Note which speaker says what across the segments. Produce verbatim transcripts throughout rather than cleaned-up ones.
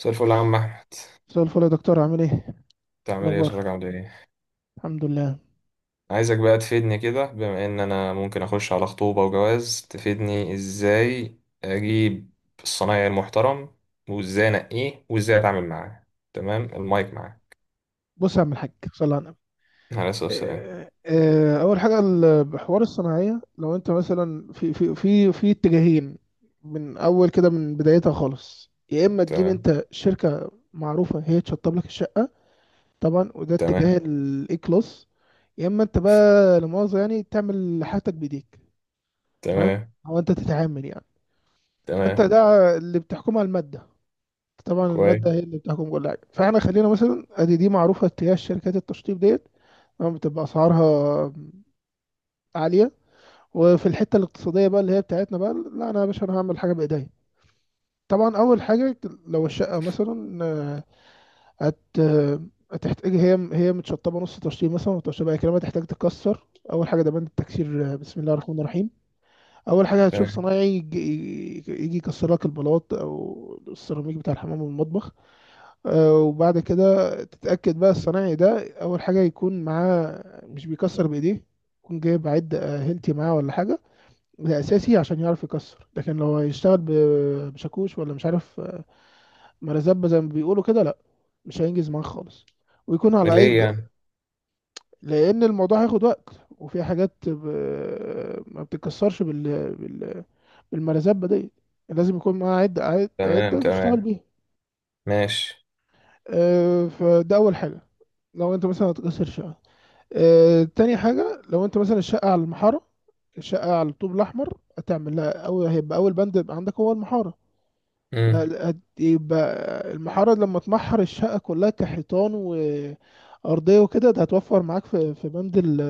Speaker 1: مساء الفل يا عم احمد.
Speaker 2: مساء الفل يا دكتور، عامل ايه؟ إيه
Speaker 1: بتعمل ايه وصحتك
Speaker 2: الاخبار؟
Speaker 1: عامل ايه؟
Speaker 2: الحمد لله.
Speaker 1: عايزك بقى تفيدني كده، بما ان انا ممكن اخش على خطوبة وجواز. تفيدني ازاي اجيب الصنايعي المحترم، وازاي انقيه وازاي اتعامل معاه. تمام، المايك معاك.
Speaker 2: بص يا عم الحاج، صلى على النبي.
Speaker 1: على اساس السلام.
Speaker 2: آه، آه، اول حاجه ال- حوار الصناعيه، لو انت مثلا في في في في اتجاهين، من اول كده من بدايتها خالص، يا اما تجيب
Speaker 1: تمام.
Speaker 2: انت شركه معروفه هي تشطب لك الشقه، طبعا وده اتجاه
Speaker 1: تمام.
Speaker 2: الاي كلاس، يا اما انت بقى لا مؤاخذه يعني تعمل حاجتك بايديك، تمام،
Speaker 1: تمام.
Speaker 2: او انت تتعامل يعني، فانت
Speaker 1: تمام.
Speaker 2: ده اللي بتحكمها الماده. طبعا
Speaker 1: كويس.
Speaker 2: المادة هي اللي بتحكم كل حاجة، فاحنا خلينا مثلا ادي دي معروفة، اتجاه شركات التشطيب ديت أما بتبقى اسعارها عالية. وفي الحتة الاقتصادية بقى اللي هي بتاعتنا بقى، لا انا يا باشا انا هعمل حاجة بايديا. طبعا اول حاجة لو الشقة مثلا آه، هت آه، هتحتاج، هي هي متشطبة نص تشطيب مثلا، وتشطيبها هي كلمة تحتاج تتكسر. اول حاجة ده بند التكسير. آه، بسم الله الرحمن الرحيم. اول حاجة هتشوف
Speaker 1: تمام.
Speaker 2: صنايعي، يجي يجي يكسر لك البلاط او السيراميك بتاع الحمام والمطبخ. آه، وبعد كده تتأكد بقى الصنايعي ده، أول حاجة يكون معاه، مش بيكسر بإيديه، يكون جايب عد آه، هيلتي معاه ولا حاجة، ده أساسي عشان يعرف يكسر. لكن لو هيشتغل ب- بشاكوش، ولا مش عارف آه، مرزبة زي ما بيقولوا كده، لأ، مش هينجز معاه خالص، ويكون
Speaker 1: ده
Speaker 2: على أي
Speaker 1: ليه
Speaker 2: بج...
Speaker 1: يعني؟
Speaker 2: لأن الموضوع هياخد وقت، وفي حاجات ب... ما بتتكسرش بال... بال... بالمرزبة دي، لازم يكون معاه عدة عدة
Speaker 1: تمام.
Speaker 2: عدة تشتغل
Speaker 1: تمام.
Speaker 2: بيها.
Speaker 1: ماشي.
Speaker 2: آه، فده أول حاجة لو أنت مثلا هتكسر شقة. آه، تاني حاجة لو انت مثلا الشقة على المحارة، الشقة على الطوب الأحمر هتعمل لها، أو هيبقى أول بند يبقى عندك هو المحارة.
Speaker 1: امم.
Speaker 2: فهتبقى المحارة لما تمحر الشقة كلها كحيطان وأرضية وكده، ده هتوفر معاك في في بند ال-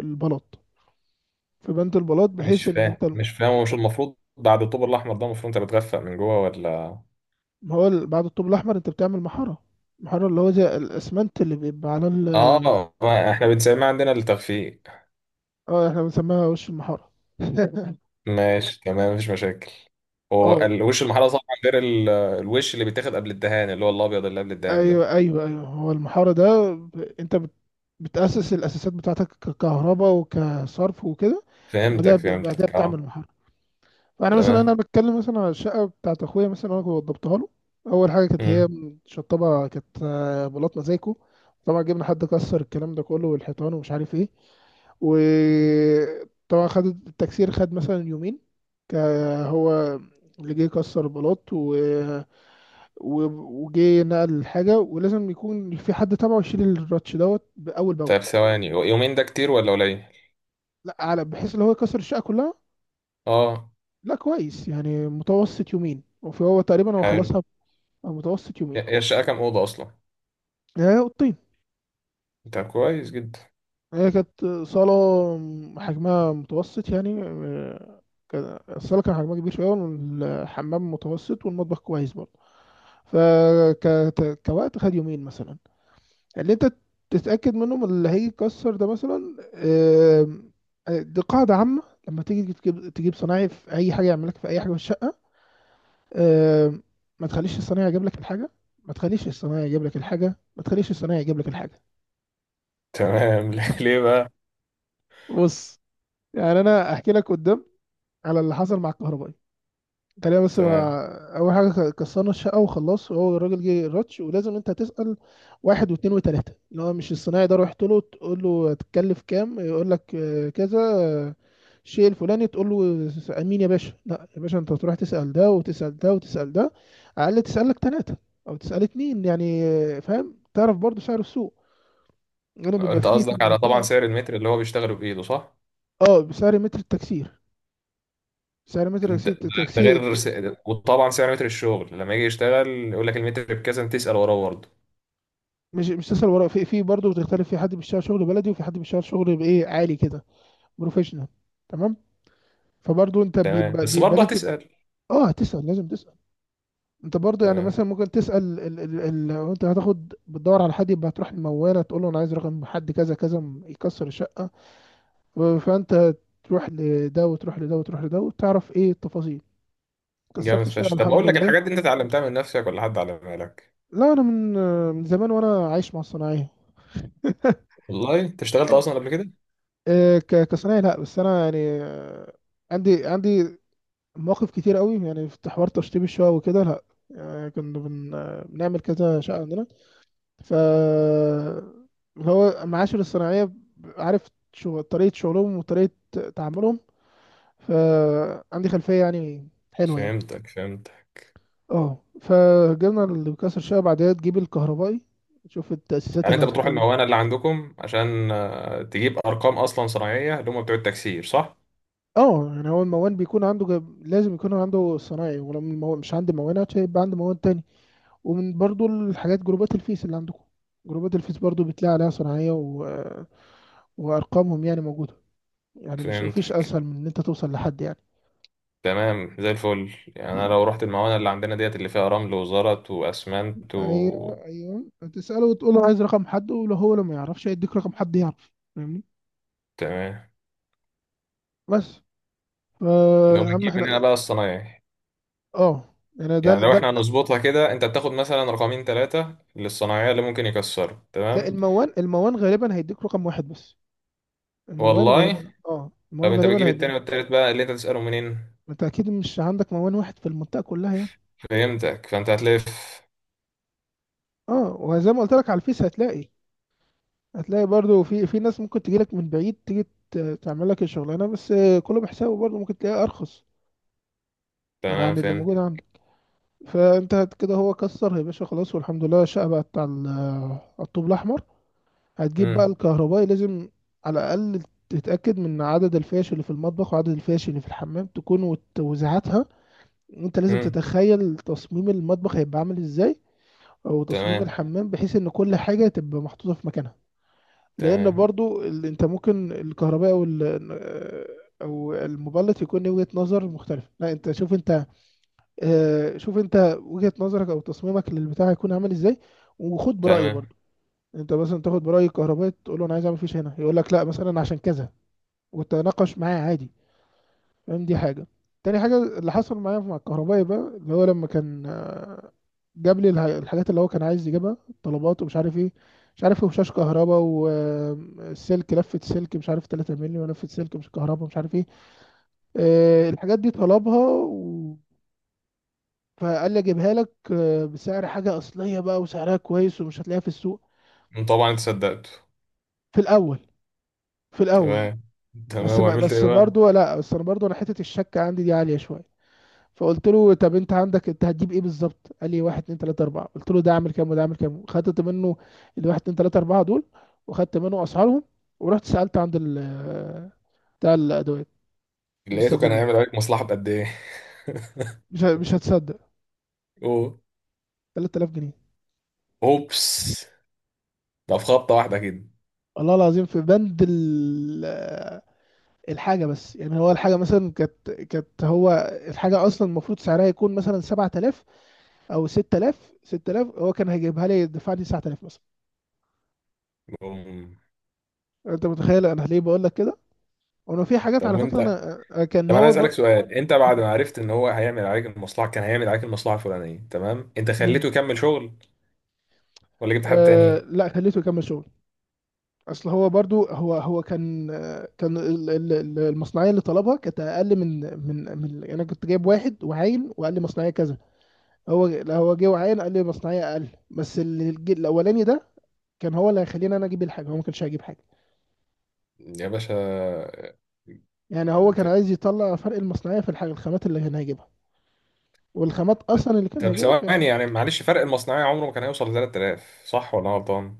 Speaker 2: البلاط، في بند البلاط،
Speaker 1: مش
Speaker 2: بحيث إن انت.
Speaker 1: فاهم مش فاهم، هو مش المفروض بعد الطوب الاحمر ده المفروض انت بتغفق من جوه ولا؟
Speaker 2: ما هو ال- بعد الطوب الأحمر انت بتعمل محارة، محارة اللي هو زي الأسمنت اللي بيبقى على ال.
Speaker 1: اه، ما احنا بنسمي عندنا التخفيق.
Speaker 2: اه احنا بنسميها وش المحارة.
Speaker 1: ماشي، تمام، مفيش مشاكل. هو
Speaker 2: اه،
Speaker 1: الوش المحلى طبعا غير ال- الوش اللي بيتاخد قبل الدهان، اللي هو الابيض اللي قبل الدهان ده.
Speaker 2: ايوه ايوه ايوه، هو المحاره ده ب- انت بت- بتاسس الاساسات بتاعتك ككهرباء وكصرف وكده. بعدها
Speaker 1: فهمتك
Speaker 2: ب- بعدها
Speaker 1: فهمتك
Speaker 2: بتعمل
Speaker 1: اه.
Speaker 2: محاره. فانا مثلا انا
Speaker 1: تمام.
Speaker 2: بتكلم مثلا على الشقه بتاعت اخويا، مثلا انا كنت وضبتها له. اول حاجه كانت هي
Speaker 1: مم.
Speaker 2: شطبه، كانت آه، بلاط مزايكو. طبعا جبنا حد كسر الكلام ده كله والحيطان ومش عارف ايه، وطبعا خد التكسير، خد مثلا يومين، ك- هو اللي جه كسر البلاط و- وجه نقل الحاجة، ولازم يكون في حد تابعه يشيل الراتش دوت بأول بأول.
Speaker 1: طيب، ثواني، يومين ده كتير ولا قليل؟
Speaker 2: لا، على بحيث اللي هو يكسر الشقة كلها،
Speaker 1: اه.
Speaker 2: لا كويس، يعني متوسط يومين، وفي هو تقريبا هو
Speaker 1: حلو.
Speaker 2: خلصها ب- متوسط يومين.
Speaker 1: هي الشقه كام اوضه اصلا؟
Speaker 2: هي أوضتين،
Speaker 1: انت كويس جدا.
Speaker 2: هي كانت صالة حجمها متوسط يعني آه، كان- الصالة كان حجمها كبير شوية، والحمام متوسط، والمطبخ كويس برضه، فكوقت خد يومين مثلا. اللي انت تتأكد منهم اللي هيكسر ده مثلا، آم، آه، دي قاعدة عامة، لما تيجي تجيب تجيب صنايعي في أي حاجة يعمل لك في أي حاجة في الشقة، آم، ما تخليش الصنايعي يجيب لك الحاجة، ما تخليش الصنايعي يجيب لك الحاجة، ما تخليش الصنايعي يجيب لك الحاجة.
Speaker 1: تمام ليه بقى؟
Speaker 2: بص، يعني أنا أحكي لك قدام على اللي حصل مع الكهربائي تقريبا. بس
Speaker 1: تمام.
Speaker 2: ما اول حاجه كسرنا الشقه وخلاص، وهو الراجل جه راتش، ولازم انت تسال واحد واثنين وثلاثه اللي هو مش الصنايعي ده، رحت له تقول له هتتكلف كام، يقول لك آه، كذا، آه، الشيء الفلاني، تقول له س- مين يا باشا؟ لا يا باشا، انت تروح تسال ده وتسال ده وتسال ده، على الاقل تسال لك ثلاثه او تسال اتنين، يعني آه، فاهم، تعرف برضو سعر السوق، غير بيبقى
Speaker 1: انت
Speaker 2: فيه في
Speaker 1: قصدك، على طبعا
Speaker 2: المنطقه.
Speaker 1: سعر المتر اللي هو بيشتغله بايده، صح؟
Speaker 2: اه، بسعر متر التكسير، سعر متر
Speaker 1: ده ده-
Speaker 2: التكسير
Speaker 1: ده
Speaker 2: التكسير
Speaker 1: غير س- وطبعا سعر متر الشغل لما يجي يشتغل، يقول لك المتر بكذا، انت تسأل وراه برضه.
Speaker 2: مش مش تسأل ورا، في في برضه بتختلف، في حد بيشتغل شغل بلدي، وفي حد بيشتغل شغل بايه، عالي كده، بروفيشنال، تمام. فبرضه انت
Speaker 1: تمام،
Speaker 2: بيبقى
Speaker 1: بس
Speaker 2: بيبقى
Speaker 1: برضه
Speaker 2: لك.
Speaker 1: هتسأل.
Speaker 2: اه تسأل، لازم تسأل، انت برضه يعني
Speaker 1: تمام
Speaker 2: مثلا ممكن تسأل ال ال ال لو انت هتاخد بتدور على حد، يبقى هتروح الموالة تقول له انا عايز رقم حد كذا كذا م- يكسر الشقة، فانت تروح لده وتروح لده وتروح لده وتعرف ايه التفاصيل،
Speaker 1: جامد
Speaker 2: كسرت الشقة
Speaker 1: فشخ. طب اقول
Speaker 2: الحمد
Speaker 1: لك،
Speaker 2: لله.
Speaker 1: الحاجات دي انت اتعلمتها من نفسك ولا حد علمها لك؟
Speaker 2: لا انا من من زمان وانا عايش مع الصناعية.
Speaker 1: والله انت اشتغلت اصلا قبل كده؟
Speaker 2: آه، ك- كصناعي لا، بس انا يعني آه، عندي عندي مواقف كتير قوي يعني في حوار تشطيب الشقق وكده، لا يعني كنا بن... آه، بنعمل كذا شقة عندنا، ف اللي هو معاشر الصناعية ب- عارف شو... طريقة شغلهم وطريقة تعاملهم، فعندي خلفية يعني حلوة يعني.
Speaker 1: فهمتك فهمتك.
Speaker 2: اه، فجبنا اللي بيكسر الشقة، بعدها تجيب الكهربائي تشوف التأسيسات
Speaker 1: يعني
Speaker 2: اللي
Speaker 1: انت بتروح
Speaker 2: هتحتاجها.
Speaker 1: الموانئ اللي عندكم عشان آه، تجيب ارقام اصلا صناعيه اللي هم بتوع التكسير، صح؟
Speaker 2: اه يعني هو الموان بيكون عنده جب... لازم يكون عنده صناعي، ولو المو... مش عندي موانات هيبقى عندي موان تاني. ومن برضو الحاجات جروبات الفيس اللي عندكم، جروبات الفيس برضو بتلاقي عليها صناعية و... وأرقامهم يعني موجودة، يعني مش مفيش
Speaker 1: فهمتك.
Speaker 2: أسهل من إن أنت توصل لحد يعني.
Speaker 1: تمام زي الفل. يعني انا لو رحت الموانئ اللي عندنا ديت اللي فيها رمل وزلط واسمنت و...
Speaker 2: أيوه أيوه، تسأله وتقول له عايز رقم حد، ولو هو لو ما يعرفش هيديك رقم حد يعرف، فاهمني،
Speaker 1: تمام.
Speaker 2: بس، فا
Speaker 1: لو
Speaker 2: يا عم
Speaker 1: بتجيب من هنا
Speaker 2: احنا،
Speaker 1: بقى الصنايعي،
Speaker 2: اه يعني ده
Speaker 1: يعني لو
Speaker 2: ده
Speaker 1: احنا هنظبطها كده، انت بتاخد مثلا رقمين ثلاثه للصنايعيه اللي ممكن يكسروا،
Speaker 2: لا،
Speaker 1: تمام؟
Speaker 2: الموان الموان غالبا هيديك رقم واحد بس، الموان
Speaker 1: والله.
Speaker 2: غالبا، اه،
Speaker 1: طب
Speaker 2: الموان
Speaker 1: انت
Speaker 2: غالبا
Speaker 1: بتجيب التاني
Speaker 2: هيديك.
Speaker 1: والتالت بقى اللي انت تسأله منين؟
Speaker 2: انت اكيد مش عندك موان واحد في المنطقة كلها يعني.
Speaker 1: فهمتك، فانت هتلف.
Speaker 2: اه، وزي ما قلت لك على الفيس هتلاقي هتلاقي برضو في في ناس ممكن تجيلك من بعيد، تيجي ت- تعمل لك الشغلانه، بس كله بحسابه، برضو ممكن تلاقيها ارخص
Speaker 1: تمام
Speaker 2: عن اللي
Speaker 1: فهمت.
Speaker 2: موجود عندك. فانت هت- كده هو كسر يا باشا خلاص، والحمد لله الشقه بقت على ال- على الطوب الاحمر، هتجيب بقى
Speaker 1: مم.
Speaker 2: الكهربائي، لازم على الاقل تتاكد من عدد الفيش اللي في المطبخ، وعدد الفيش اللي في الحمام، تكون وت- وزعتها، وانت لازم
Speaker 1: مم.
Speaker 2: تتخيل تصميم المطبخ هيبقى عامل ازاي، او تصميم
Speaker 1: تمام.
Speaker 2: الحمام، بحيث ان كل حاجه تبقى محطوطه في مكانها، لان
Speaker 1: تمام.
Speaker 2: برضو ال- انت ممكن الكهرباء او ال- او المبلط يكون ليه وجهة نظر مختلفة، لا انت شوف انت آه، شوف انت وجهة نظرك او تصميمك للبتاع هيكون عامل ازاي، وخد برأي
Speaker 1: تمام.
Speaker 2: برضو. انت مثلا تاخد برأي الكهربائي تقول له انا عايز اعمل فيش هنا، يقول لك لا مثلا عشان كذا، وتناقش معاه عادي، فاهم، دي حاجة. تاني حاجة اللي حصل معايا مع الكهربائي بقى اللي هو لما كان آه، جاب لي الح- الحاجات اللي هو كان عايز يجيبها، الطلبات ومش عارف ايه، مش عارف ايه، وشاش كهرباء، والسلك، لفة سلك مش عارف تلاتة مللي، ولفة سلك مش كهرباء، مش عارف ايه. آه، الحاجات دي طلبها و... فقال لي اجيبها لك آه، بسعر حاجة أصلية بقى، وسعرها كويس، ومش هتلاقيها في السوق.
Speaker 1: طبعا انت صدقته.
Speaker 2: في الأول في الأول
Speaker 1: تمام.
Speaker 2: بس
Speaker 1: تمام
Speaker 2: ما
Speaker 1: وعملت ايه
Speaker 2: بس
Speaker 1: بقى؟
Speaker 2: برضو، لا بس انا برضو، انا حتة الشك عندي دي عالية شوية، فقلت له طب انت عندك، انت هتجيب ايه بالظبط؟ قال لي واحد اتنين تلاته اربعه، قلت له ده اعمل كام وده اعمل كام، خدت منه الواحد اتنين تلاته اربعه دول، وخدت منه اسعارهم، ورحت سالت عند ال بتاع الادوات،
Speaker 1: لقيته كان
Speaker 2: مستلزمات،
Speaker 1: هيعمل عليك مصلحة بقد ايه؟
Speaker 2: مش ه- مش هتصدق،
Speaker 1: أوه.
Speaker 2: تلات الاف جنيه،
Speaker 1: اوبس. ده في خبطة واحدة كده؟
Speaker 2: الله العظيم. في بند ال- الحاجه، بس يعني هو الحاجه مثلا كانت كانت هو الحاجه اصلا المفروض سعرها يكون مثلا سبعت الاف او ستة الاف، ستة الاف هو كان هيجيبها لي، دفعني تسعت الاف مثلا.
Speaker 1: بوم.
Speaker 2: انت متخيل انا ليه بقول لك كده؟ وانا في حاجات
Speaker 1: طب
Speaker 2: على فكره
Speaker 1: وانت.
Speaker 2: انا، آه، آه، كان
Speaker 1: طب انا
Speaker 2: هو
Speaker 1: عايز اسالك
Speaker 2: بر...
Speaker 1: سؤال، انت بعد
Speaker 2: مم.
Speaker 1: ما عرفت ان هو هيعمل عليك المصلحة، كان هيعمل عليك المصلحة الفلانية، تمام، انت
Speaker 2: مم.
Speaker 1: خليته يكمل شغل ولا جبت حد
Speaker 2: آه
Speaker 1: تاني؟
Speaker 2: لا، خليته يكمل شغل. اصل هو برضو هو هو كان آه، كان ال- ال- ال- المصنعيه اللي طلبها كانت اقل من من من يعني انا كنت جايب واحد وعاين، وقال لي مصنعيه كذا، هو لا، هو جه وعاين قال لي مصنعيه اقل، بس اللي الج- الاولاني ده كان هو اللي هيخليني انا اجيب الحاجه، هو ما كانش هيجيب حاجه،
Speaker 1: يا باشا.
Speaker 2: يعني هو كان عايز يطلع فرق المصنعيه في الحاجه الخامات اللي كان هيجيبها، والخامات اصلا اللي كان
Speaker 1: طب
Speaker 2: هيجيبها
Speaker 1: ثواني
Speaker 2: كان.
Speaker 1: يعني معلش، فرق المصنعية عمره ما كان هيوصل ل ثلاثة آلاف صح ولا أنا غلطان؟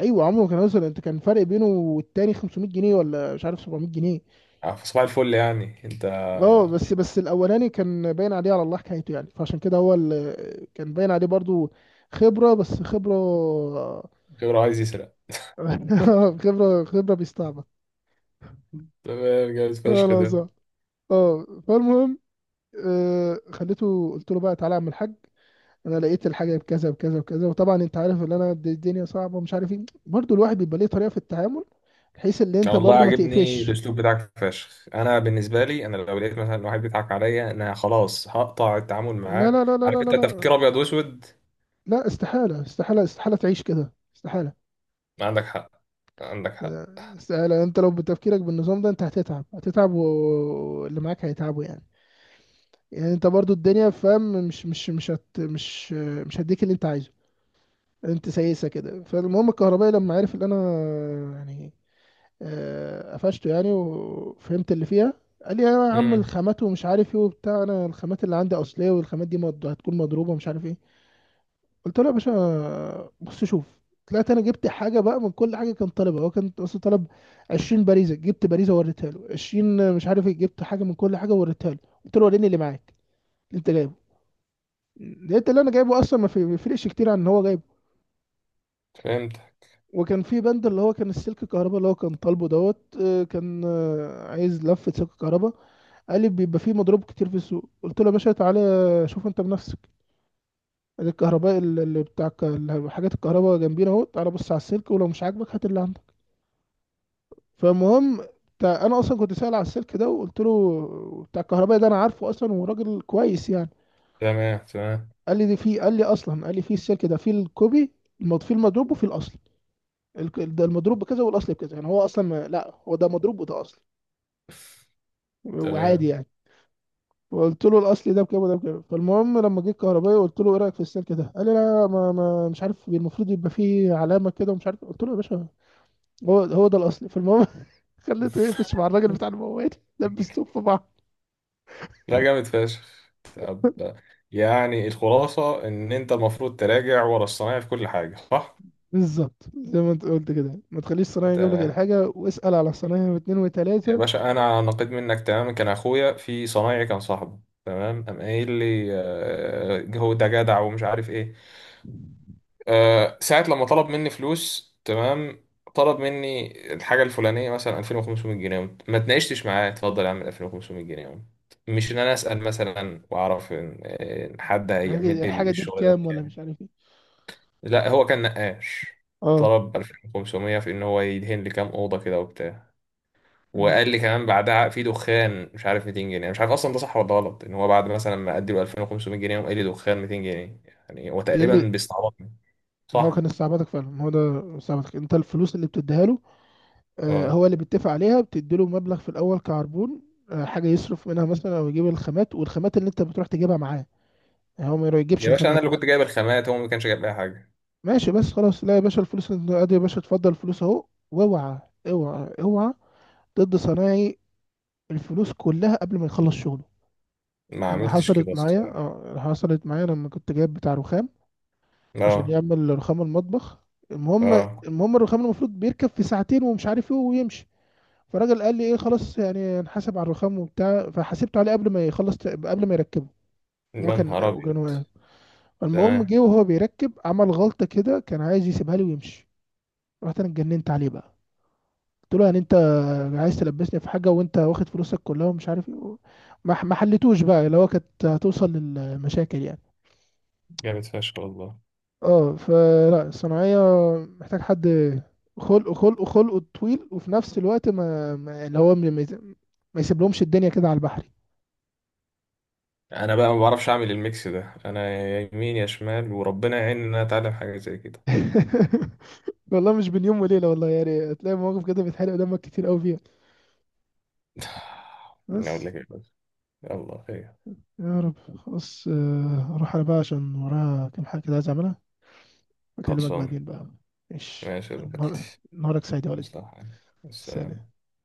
Speaker 2: ايوه، عمره ما كان هيوصل، انت كان فرق بينه والتاني خمسمائة جنيه، ولا مش عارف سبعمائة جنيه.
Speaker 1: آه، في صباح الفل يعني أنت.
Speaker 2: اه بس بس الاولاني كان باين عليه على الله حكايته يعني، فعشان كده هو اللي كان باين عليه برضو خبره، بس خبره.
Speaker 1: كبر عايز يسرق.
Speaker 2: خبره خبره بيستعبط،
Speaker 1: تمام جامد فشخ
Speaker 2: انا
Speaker 1: ده.
Speaker 2: صح. اه فالمهم، آه، خليته، قلت له بقى تعالى يا عم الحاج، انا لقيت الحاجه بكذا بكذا بكذا، وطبعا انت عارف ان انا، د- الدنيا صعبه ومش عارف ايه، برضو الواحد بيبقى ليه طريقه في التعامل، بحيث ان
Speaker 1: أنا
Speaker 2: انت
Speaker 1: والله
Speaker 2: برضو ما
Speaker 1: عاجبني
Speaker 2: تقفش.
Speaker 1: الأسلوب بتاعك فشخ. أنا بالنسبة لي، أنا لو لقيت مثلا واحد بيضحك عليا، أنا خلاص هقطع التعامل
Speaker 2: لا
Speaker 1: معاه.
Speaker 2: لا لا لا لا
Speaker 1: عارف
Speaker 2: لا
Speaker 1: أنت، تفكير
Speaker 2: لا
Speaker 1: أبيض وأسود.
Speaker 2: لا، استحالة استحالة استحالة تعيش كده، استحالة
Speaker 1: ما عندك حق. عندك حق.
Speaker 2: استحالة، انت لو بتفكيرك بالنظام ده انت هتتعب، هتتعب و- واللي معاك هيتعبوا يعني، يعني انت برضو الدنيا فاهم، مش مش مش هت مش مش هديك اللي انت عايزه، انت سايسة كده. فالمهم الكهربائي لما عرف ان انا يعني آه، قفشته يعني، وفهمت اللي فيها، قال لي يا عم
Speaker 1: امم.
Speaker 2: الخامات ومش عارف ايه وبتاع، انا الخامات اللي عندي اصلية، والخامات دي مض- هتكون مضروبة ومش عارف ايه، قلت له يا باشا بص شوف، طلعت انا جبت حاجه بقى من كل حاجه كان طالبها، هو كان اصلا طلب 20 باريزه، جبت باريزه ووريتها له، عشرين مش عارف ايه، جبت حاجه من كل حاجه ووريتها له، قلت له وريني اللي معاك اللي انت جايبه، لقيت اللي انا جايبه اصلا ما في- ما يفرقش كتير عن ان هو جايبه.
Speaker 1: فهمت.
Speaker 2: وكان في بند اللي هو كان السلك الكهرباء اللي هو كان طالبه دوت، آه، كان آه، عايز لفه سلك كهرباء، قال لي بيبقى فيه مضروب كتير في السوق، قلت له يا باشا تعالى شوف انت بنفسك، الكهرباء اللي بتاع الك- حاجات الكهرباء جنبينا اهو، تعالى بص على السلك، ولو مش عاجبك هات اللي عندك. فالمهم بتاع انا اصلا كنت سائل على السلك ده، وقلت له بتاع الكهربائي ده انا عارفه اصلا وراجل كويس يعني،
Speaker 1: تمام. تمام.
Speaker 2: قال لي دي في قال لي اصلا قال لي في السلك ده في الكوبي المض- في المضروب وفي الاصل، الك- ده المضروب بكذا والاصل بكذا، يعني هو اصلا ما- لا هو ده مضروب وده اصلي،
Speaker 1: تمام.
Speaker 2: وعادي يعني، وقلت له الاصلي ده بكام وده بكام. فالمهم لما جه الكهربائي قلت له ايه رايك في السلك ده، قال لي لا ما, ما مش عارف، المفروض يبقى فيه علامه كده ومش عارف، قلت له يا باشا، هو هو ده الاصلي، فالمهم خليته يقفش مع الراجل بتاع الموال، لبسته في بعض.
Speaker 1: لا جامد فشخ. طب يعني الخلاصة إن أنت المفروض تراجع ورا الصنايعي في كل حاجة، صح؟
Speaker 2: بالظبط زي ما انت قلت كده، ما تخليش الصنايعي يجيب لك
Speaker 1: تمام.
Speaker 2: الحاجه، واسال على الصنايعي واثنين
Speaker 1: يا
Speaker 2: وثلاثه،
Speaker 1: باشا أنا نقيت منك تماما. كان أخويا في صنايعي كان صاحبه، تمام، قام قايل لي آه، هو ده جدع ومش عارف إيه. آه، ساعة لما طلب مني فلوس، تمام، طلب مني الحاجة الفلانية مثلا الفين وخمسميت جنيه، قمت- ما اتناقشتش معاه، اتفضل يا عم الفين وخمسميت جنيه، قمت- مش إن أنا أسأل مثلا وأعرف إن إن حد هيعمل
Speaker 2: الحاجه الحاجه
Speaker 1: لي
Speaker 2: دي
Speaker 1: الشغل ده
Speaker 2: بكام ولا مش
Speaker 1: بكام.
Speaker 2: عارف ايه.
Speaker 1: لا هو كان نقاش.
Speaker 2: اه.
Speaker 1: طلب الفين وخمسمية في ان هو يدهن لي كام اوضه كده وبتاع،
Speaker 2: مم.
Speaker 1: وقال لي كمان بعدها في دخان مش عارف ميتين جنيه. أنا مش عارف اصلا ده صح ولا غلط، ان هو بعد مثلا ما ادي له الفين وخمسميت جنيه وقال لي دخان ميتين جنيه. يعني هو
Speaker 2: ايه
Speaker 1: تقريبا
Speaker 2: اللي؟
Speaker 1: بيستعبطني،
Speaker 2: ما هو
Speaker 1: صح.
Speaker 2: كان استعباطك فعلا، ما هو ده استعباطك، انت الفلوس اللي بتديها له، آه
Speaker 1: اه.
Speaker 2: هو اللي بيتفق عليها، بتدي له مبلغ في الاول كعربون، آه حاجه يصرف منها مثلا او يجيب الخامات، والخامات اللي انت بتروح تجيبها معاه، يعني هو ما يجيبش
Speaker 1: يا باشا انا
Speaker 2: الخامات
Speaker 1: اللي
Speaker 2: لا.
Speaker 1: كنت جايب الخامات، هو ما كانش جايب اي حاجه.
Speaker 2: ماشي بس خلاص، لا يا باشا الفلوس انت ادي يا باشا اتفضل الفلوس اهو، واوعى اوعى اوعى ضد صنايعي الفلوس كلها قبل ما يخلص شغله.
Speaker 1: ما
Speaker 2: انا
Speaker 1: عملتش
Speaker 2: حصلت
Speaker 1: كده
Speaker 2: معايا،
Speaker 1: الصراحه.
Speaker 2: اه، حصلت معايا لما كنت جايب بتاع رخام عشان
Speaker 1: اه.
Speaker 2: يعمل رخام المطبخ، المهم
Speaker 1: اه.
Speaker 2: المهم الرخام المفروض بيركب في ساعتين ومش عارف ايه ويمشي، فالراجل قال لي ايه خلاص، يعني هنحاسب على الرخام وبتاع، فحاسبته عليه قبل ما يخلص قبل ما يركبه، هو
Speaker 1: يا
Speaker 2: كان
Speaker 1: نهار ابيض.
Speaker 2: وكان واقف. المهم
Speaker 1: تمام
Speaker 2: جه وهو بيركب عمل غلطة كده، كان عايز يسيبها لي ويمشي، رحت انا اتجننت عليه بقى، قلت له يعني انت عايز تلبسني في حاجة وانت واخد فلوسك كلها ومش عارف ايه، ما ما حلتوش بقى اللي هو كانت هتوصل للمشاكل يعني.
Speaker 1: جامد فشخ والله.
Speaker 2: اه، فلا الصناعية محتاج حد خلق خلق خلقه طويل، وفي نفس الوقت ما, ما اللي هو ما يس- ما يسيب لهمش الدنيا كده على البحر.
Speaker 1: انا بقى ما بعرفش اعمل الميكس ده. انا يا يمين يا شمال، وربنا يعين ان انا اتعلم حاجه زي كده.
Speaker 2: والله مش بين يوم وليلة والله، يعني هتلاقي مواقف كده بتحرق دمك كتير قوي فيها،
Speaker 1: أنا أقول
Speaker 2: بس،
Speaker 1: لك إيه بس. يلا خير.
Speaker 2: يا رب خلاص، آه، اروح انا بقى عشان ورايا كام حاجة كده عايز اعملها، اكلمك
Speaker 1: خلصان.
Speaker 2: بعدين بقى، ماشي،
Speaker 1: ماشي يا
Speaker 2: نهار-
Speaker 1: زميلتي.
Speaker 2: نهارك سعيد يا ولدي.
Speaker 1: مصلحة. السلام.
Speaker 2: سلام.